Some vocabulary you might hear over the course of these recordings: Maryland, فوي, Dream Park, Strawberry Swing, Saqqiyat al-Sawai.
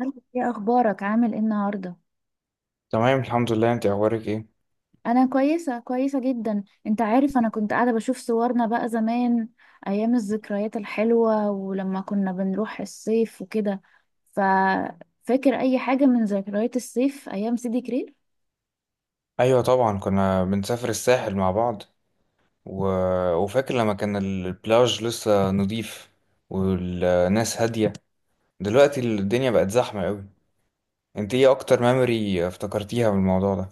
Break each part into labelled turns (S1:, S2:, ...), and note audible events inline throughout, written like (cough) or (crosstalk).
S1: عامل ايه اخبارك؟ عامل ايه النهارده؟
S2: تمام، الحمد لله. انت اخبارك ايه؟
S1: انا كويسه جدا. انت عارف، انا كنت قاعده بشوف صورنا بقى زمان، ايام الذكريات الحلوه ولما كنا بنروح الصيف وكده. ففاكر اي حاجه من ذكريات الصيف ايام سيدي كرير؟
S2: ايوه، طبعا كنا بنسافر الساحل مع بعض و... وفاكر لما كان البلاج لسه نضيف، والناس هاديه. دلوقتي الدنيا بقت زحمه قوي. انت ايه اكتر ميموري افتكرتيها من الموضوع ده؟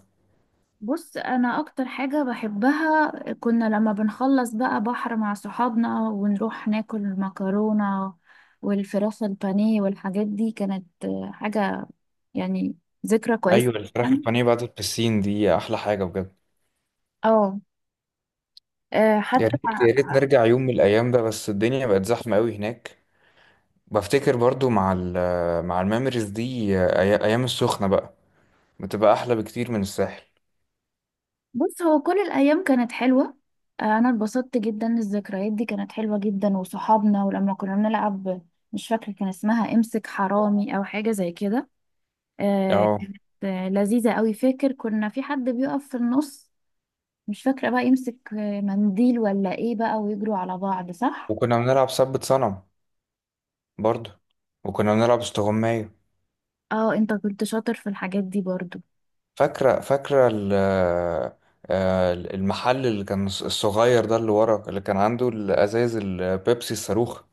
S1: بص، انا اكتر حاجه بحبها كنا لما بنخلص بقى بحر مع صحابنا ونروح ناكل مكرونه والفراخ البانيه والحاجات دي. كانت حاجه يعني ذكرى كويسه.
S2: ايوه، الفراخ البانيه بعد البسين دي احلى حاجه بجد.
S1: اه،
S2: يا
S1: حتى.
S2: ريت يا ريت نرجع يوم من الايام ده، بس الدنيا بقت زحمه قوي هناك. بفتكر برضو مع الميموريز دي، ايام السخنه بقى بتبقى احلى بكتير من الساحل.
S1: بص، هو كل الأيام كانت حلوة. أنا اتبسطت جدا. الذكريات دي كانت حلوة جدا، وصحابنا، ولما كنا بنلعب. مش فاكرة، كان اسمها امسك حرامي أو حاجة زي كده. آه، كانت
S2: اه،
S1: لذيذة أوي. فاكر كنا في حد بيقف في النص، مش فاكرة بقى، يمسك منديل ولا ايه بقى، ويجروا على بعض، صح؟
S2: وكنا بنلعب سبت صنم برضو، وكنا بنلعب استغماية.
S1: اه، انت كنت شاطر في الحاجات دي برضو.
S2: فاكرة فاكرة المحل اللي كان الصغير ده، اللي ورا، اللي كان عنده الأزايز البيبسي الصاروخ.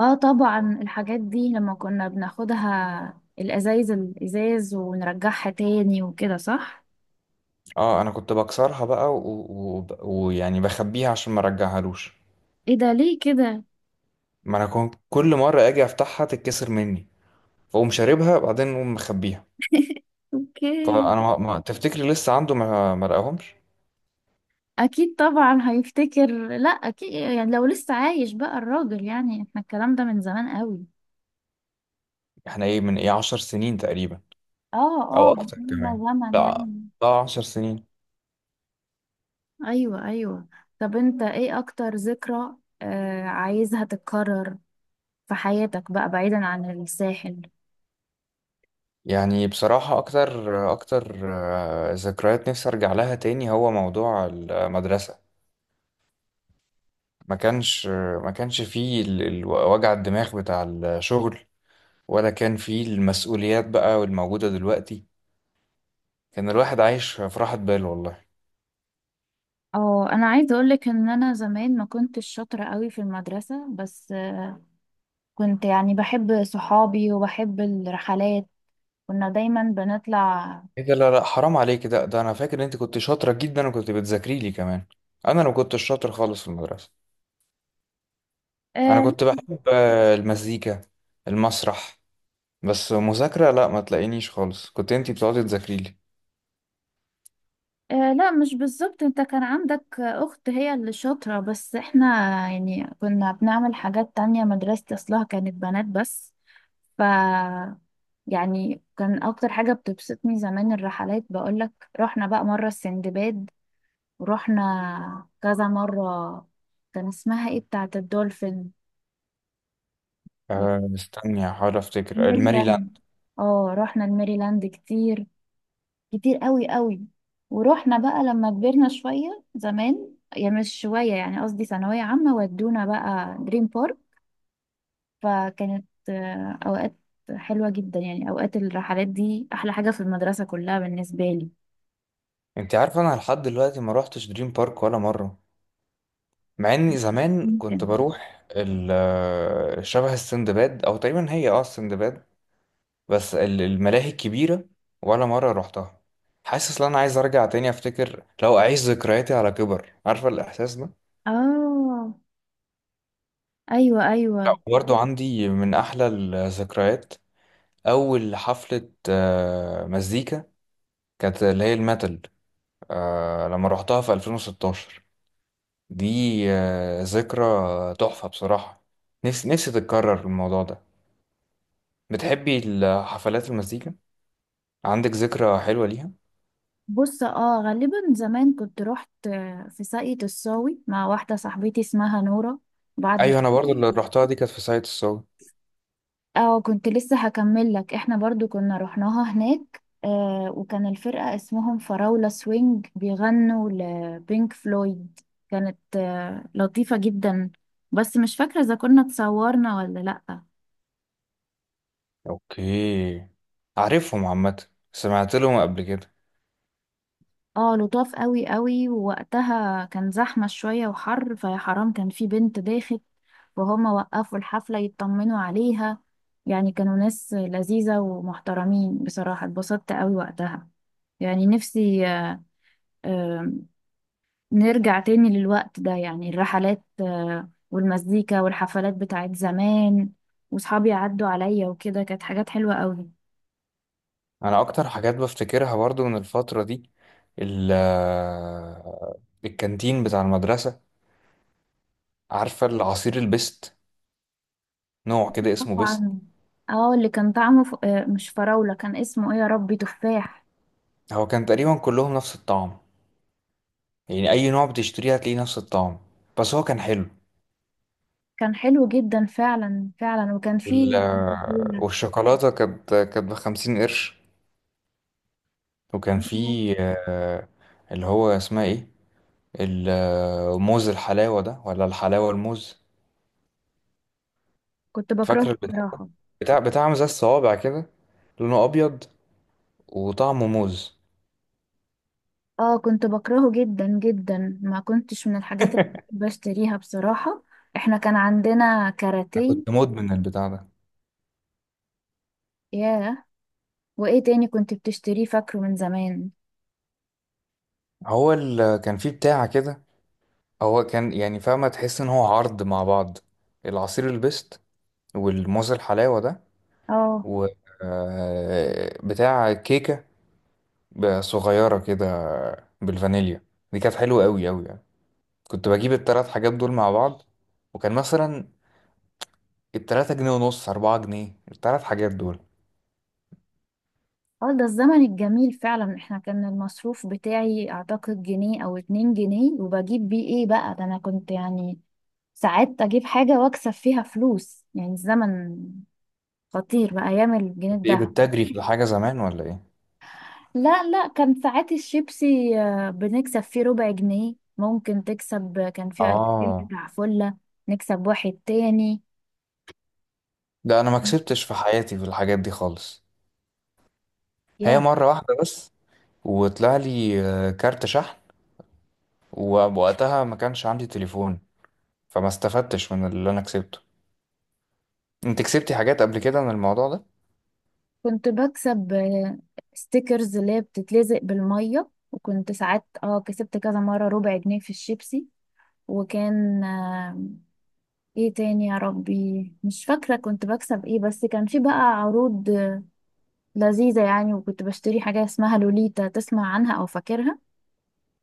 S1: اه طبعا الحاجات دي لما كنا بناخدها الأزايز الإزاز ونرجعها تاني وكده، صح؟
S2: اه، انا كنت بكسرها بقى ويعني ويعني بخبيها عشان ما ارجعهالوش.
S1: ايه ده؟ ليه كده؟
S2: ما انا كنت كل مرة اجي افتحها تتكسر مني، فاقوم شاربها بعدين اقوم مخبيها.
S1: اوكي.
S2: فانا ما... ما... تفتكري لسه عنده ما لقاهمش؟
S1: اكيد طبعا هيفتكر. لا اكيد يعني لو لسه عايش بقى الراجل، يعني احنا الكلام ده من زمان قوي.
S2: احنا ايه، من ايه، 10 سنين تقريبا.
S1: اه. اه
S2: او اكتر
S1: من
S2: كمان.
S1: زمن
S2: لا،
S1: يعني.
S2: اه، 10 سنين.
S1: ايوه ايوه. طب انت ايه اكتر ذكرى عايزها تتكرر في حياتك بقى بعيدا عن الساحل؟
S2: يعني بصراحة أكتر أكتر ذكريات نفسي أرجع لها تاني هو موضوع المدرسة. ما كانش ما كانش فيه وجع الدماغ بتاع الشغل، ولا كان فيه المسؤوليات بقى والموجودة دلوقتي. كان الواحد عايش في راحة بال، والله.
S1: اه، انا عايزه اقولك ان انا زمان ما كنتش شاطره قوي في المدرسه، بس آه، كنت يعني بحب صحابي وبحب الرحلات. كنا دايما بنطلع.
S2: إيه ده، لا لا حرام عليك، ده أنا فاكر إن أنت كنت شاطرة جدا وكنت بتذاكري لي كمان. أنا ما كنتش شاطر خالص في المدرسة. أنا كنت بحب المزيكا، المسرح، بس مذاكرة لا، ما تلاقينيش خالص. كنت أنت بتقعدي تذاكري لي.
S1: آه لا، مش بالظبط. انت كان عندك اخت هي اللي شاطرة، بس احنا يعني كنا بنعمل حاجات تانية. مدرستي اصلها كانت بنات بس. ف يعني كان اكتر حاجة بتبسطني زمان الرحلات، بقولك. رحنا بقى مرة السندباد، ورحنا كذا مرة. كان اسمها ايه بتاعة الدولفين؟ (laughs)
S2: أه، استني هحاول افتكر الماريلاند.
S1: الميريلاند. اه رحنا الميريلاند كتير، كتير قوي قوي. ورحنا بقى لما كبرنا شوية، زمان يعني مش شوية، يعني قصدي ثانوية عامة، ودونا بقى دريم بارك. فكانت أوقات حلوة جدا يعني. أوقات الرحلات دي أحلى حاجة في المدرسة كلها بالنسبة لي.
S2: انت عارف، انا لحد دلوقتي ما روحتش دريم بارك ولا مره، مع اني زمان كنت
S1: ممكن.
S2: بروح شبه السندباد، او تقريبا هي السندباد. بس الملاهي الكبيره ولا مره روحتها. حاسس ان انا عايز ارجع تاني، افتكر لو اعيش ذكرياتي على كبر. عارفه الاحساس ده؟
S1: آه، أيوة
S2: لا،
S1: أيوة.
S2: برضو عندي من احلى الذكريات اول حفله مزيكا، كانت اللي هي الميتال، لما روحتها في 2016. دي ذكرى تحفة بصراحة. نفسي نفسي تتكرر الموضوع ده. بتحبي الحفلات، المزيكا؟ عندك ذكرى حلوة ليها؟
S1: بص اه، غالبا زمان كنت رحت في ساقية الصاوي مع واحدة صاحبتي اسمها نورة، بعد
S2: ايوه، انا برضو
S1: الشغل.
S2: اللي رحتها دي كانت في ساقية الصاوي.
S1: اه كنت لسه هكمل لك، احنا برضو كنا رحناها هناك، آه، وكان الفرقة اسمهم فراولة سوينج، بيغنوا لبينك فلويد. كانت آه لطيفة جدا. بس مش فاكرة اذا كنا اتصورنا ولا لأ.
S2: اوكي، عارفهم عامة، سمعت لهم قبل كده.
S1: اه لطاف قوي قوي، ووقتها كان زحمة شوية وحر. فيا حرام كان في بنت ضايخت، وهما وقفوا الحفلة يطمنوا عليها. يعني كانوا ناس لذيذة ومحترمين بصراحة. اتبسطت قوي وقتها. يعني نفسي آه، نرجع تاني للوقت ده، يعني الرحلات والمزيكا والحفلات بتاعت زمان، وصحابي عدوا عليا وكده. كانت حاجات حلوة قوي.
S2: انا اكتر حاجات بفتكرها برضو من الفترة دي ال آه، الكانتين بتاع المدرسة. عارفة العصير البست؟ نوع كده اسمه بست.
S1: طبعاً. اه اللي كان طعمه ف... آه، مش فراولة، كان اسمه ايه يا ربي؟ تفاح.
S2: هو كان تقريبا كلهم نفس الطعم، يعني اي نوع بتشتريه هتلاقيه نفس الطعم، بس هو كان حلو.
S1: كان حلو جدا، فعلا فعلا. وكان
S2: وال...
S1: فيه فضيلة.
S2: والشوكولاتة كانت ب50 قرش. وكان في آه، اللي هو اسمها ايه، الموز الحلاوة ده ولا الحلاوة الموز؟
S1: كنت
S2: فاكر
S1: بكرهه
S2: البتاع،
S1: بصراحة.
S2: بتاع زي الصوابع كده، لونه أبيض وطعمه موز.
S1: اه كنت بكرهه جدا جدا، ما كنتش من الحاجات اللي بشتريها بصراحة. احنا كان عندنا
S2: أنا
S1: كاراتيه.
S2: كنت مدمن البتاع ده.
S1: ياه. وايه تاني كنت بتشتريه فاكره من زمان؟
S2: هو كان في بتاع كده، هو كان يعني، فاهمة؟ تحس إن هو عرض مع بعض، العصير البيست والموز الحلاوة ده
S1: اه.
S2: و بتاع كيكة بقى صغيرة كده بالفانيليا. دي كانت حلوة أوي أوي يعني. كنت بجيب التلات حاجات دول مع بعض، وكان مثلا ال3 جنيه ونص، 4 جنيه التلات حاجات دول.
S1: اه، ده الزمن الجميل فعلا. احنا كان المصروف بتاعي اعتقد جنيه او اتنين جنيه، وبجيب بيه ايه بقى؟ ده انا كنت يعني ساعات اجيب حاجة واكسب فيها فلوس. يعني الزمن خطير بقى، ايام الجنيه
S2: كنت إيه،
S1: الدهب.
S2: بتجري في الحاجة زمان ولا إيه؟
S1: لا لا، كان ساعات الشيبسي بنكسب فيه ربع جنيه. ممكن تكسب. كان فيه 2000
S2: آه
S1: بتاع فلة، نكسب واحد تاني.
S2: لا، أنا ما كسبتش في حياتي في الحاجات دي خالص. هي
S1: يا،
S2: مرة واحدة بس، وطلع لي كارت شحن، ووقتها ما كانش عندي تليفون، فما استفدتش من اللي أنا كسبته. أنت كسبتي حاجات قبل كده من الموضوع ده؟
S1: كنت بكسب ستيكرز اللي هي بتتلزق بالمية. وكنت ساعات اه كسبت كذا مرة ربع جنيه في الشيبسي. وكان ايه تاني يا ربي؟ مش فاكرة كنت بكسب ايه. بس كان في بقى عروض لذيذة يعني. وكنت بشتري حاجة اسمها لوليتا، تسمع عنها او فاكرها؟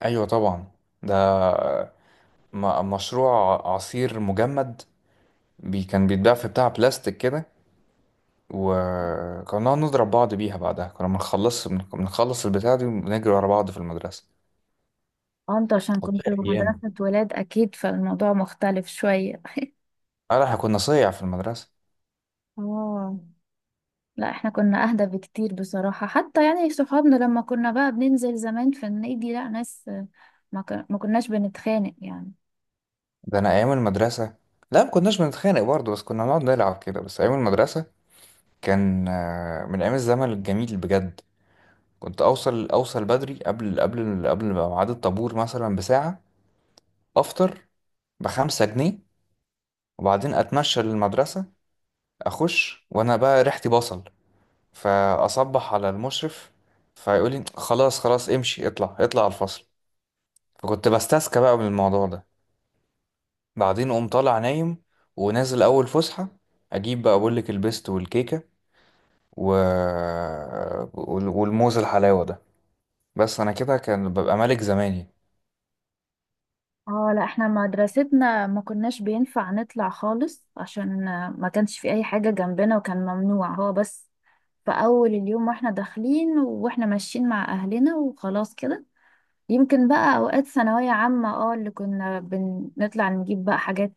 S2: أيوة طبعا، ده مشروع عصير مجمد، بي كان بيتباع في بتاع بلاستيك كده، وكنا نقعد نضرب بعض بيها. بعدها كنا بنخلص بنخلص البتاع دي ونجري ورا بعض في المدرسة.
S1: اه انت عشان
S2: والله،
S1: كنت
S2: أيام.
S1: مدرسة ولاد اكيد فالموضوع مختلف شوية.
S2: احنا كنا صيع في المدرسة.
S1: اه لا، احنا كنا اهدى بكتير بصراحة. حتى يعني صحابنا لما كنا بقى بننزل زمان في النادي لا ناس، ما كناش بنتخانق يعني.
S2: ده أنا أيام المدرسة، لا ما كناش بنتخانق برضه، بس كنا نقعد نلعب كده. بس أيام المدرسة كان من أيام الزمن الجميل بجد. كنت أوصل بدري، قبل ميعاد الطابور مثلا بساعة، أفطر ب5 جنيه، وبعدين أتمشى للمدرسة. اخش وانا بقى ريحتي بصل، فاصبح على المشرف، فيقول لي خلاص خلاص امشي، اطلع اطلع على الفصل. فكنت بستسكى بقى من الموضوع ده. بعدين قوم طالع نايم، ونازل اول فسحه اجيب بقى، بقول لك البيست والكيكه و... والموز الحلاوه ده. بس انا كده كان ببقى ملك زماني.
S1: اه لا احنا مدرستنا ما كناش بينفع نطلع خالص، عشان ما كانش في اي حاجة جنبنا، وكان ممنوع. هو بس في اول اليوم، واحنا داخلين، واحنا ماشيين مع اهلنا، وخلاص كده. يمكن بقى اوقات ثانوية عامة اه اللي كنا بنطلع نجيب بقى حاجات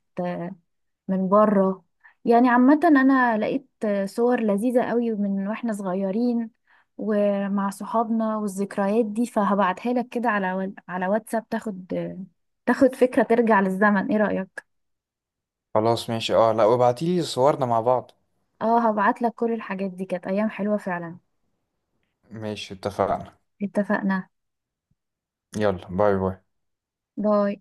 S1: من بره. يعني عامة أنا لقيت صور لذيذة قوي من وإحنا صغيرين، ومع صحابنا، والذكريات دي. فهبعتها لك كده على على واتساب، تاخد فكرة، ترجع للزمن. إيه رأيك؟
S2: خلاص ماشي، اه، لا وابعتيلي صورنا مع بعض.
S1: اه هبعت لك. كل الحاجات دي كانت أيام حلوة فعلا.
S2: ماشي، اتفقنا.
S1: اتفقنا.
S2: يلا، باي باي.
S1: باي.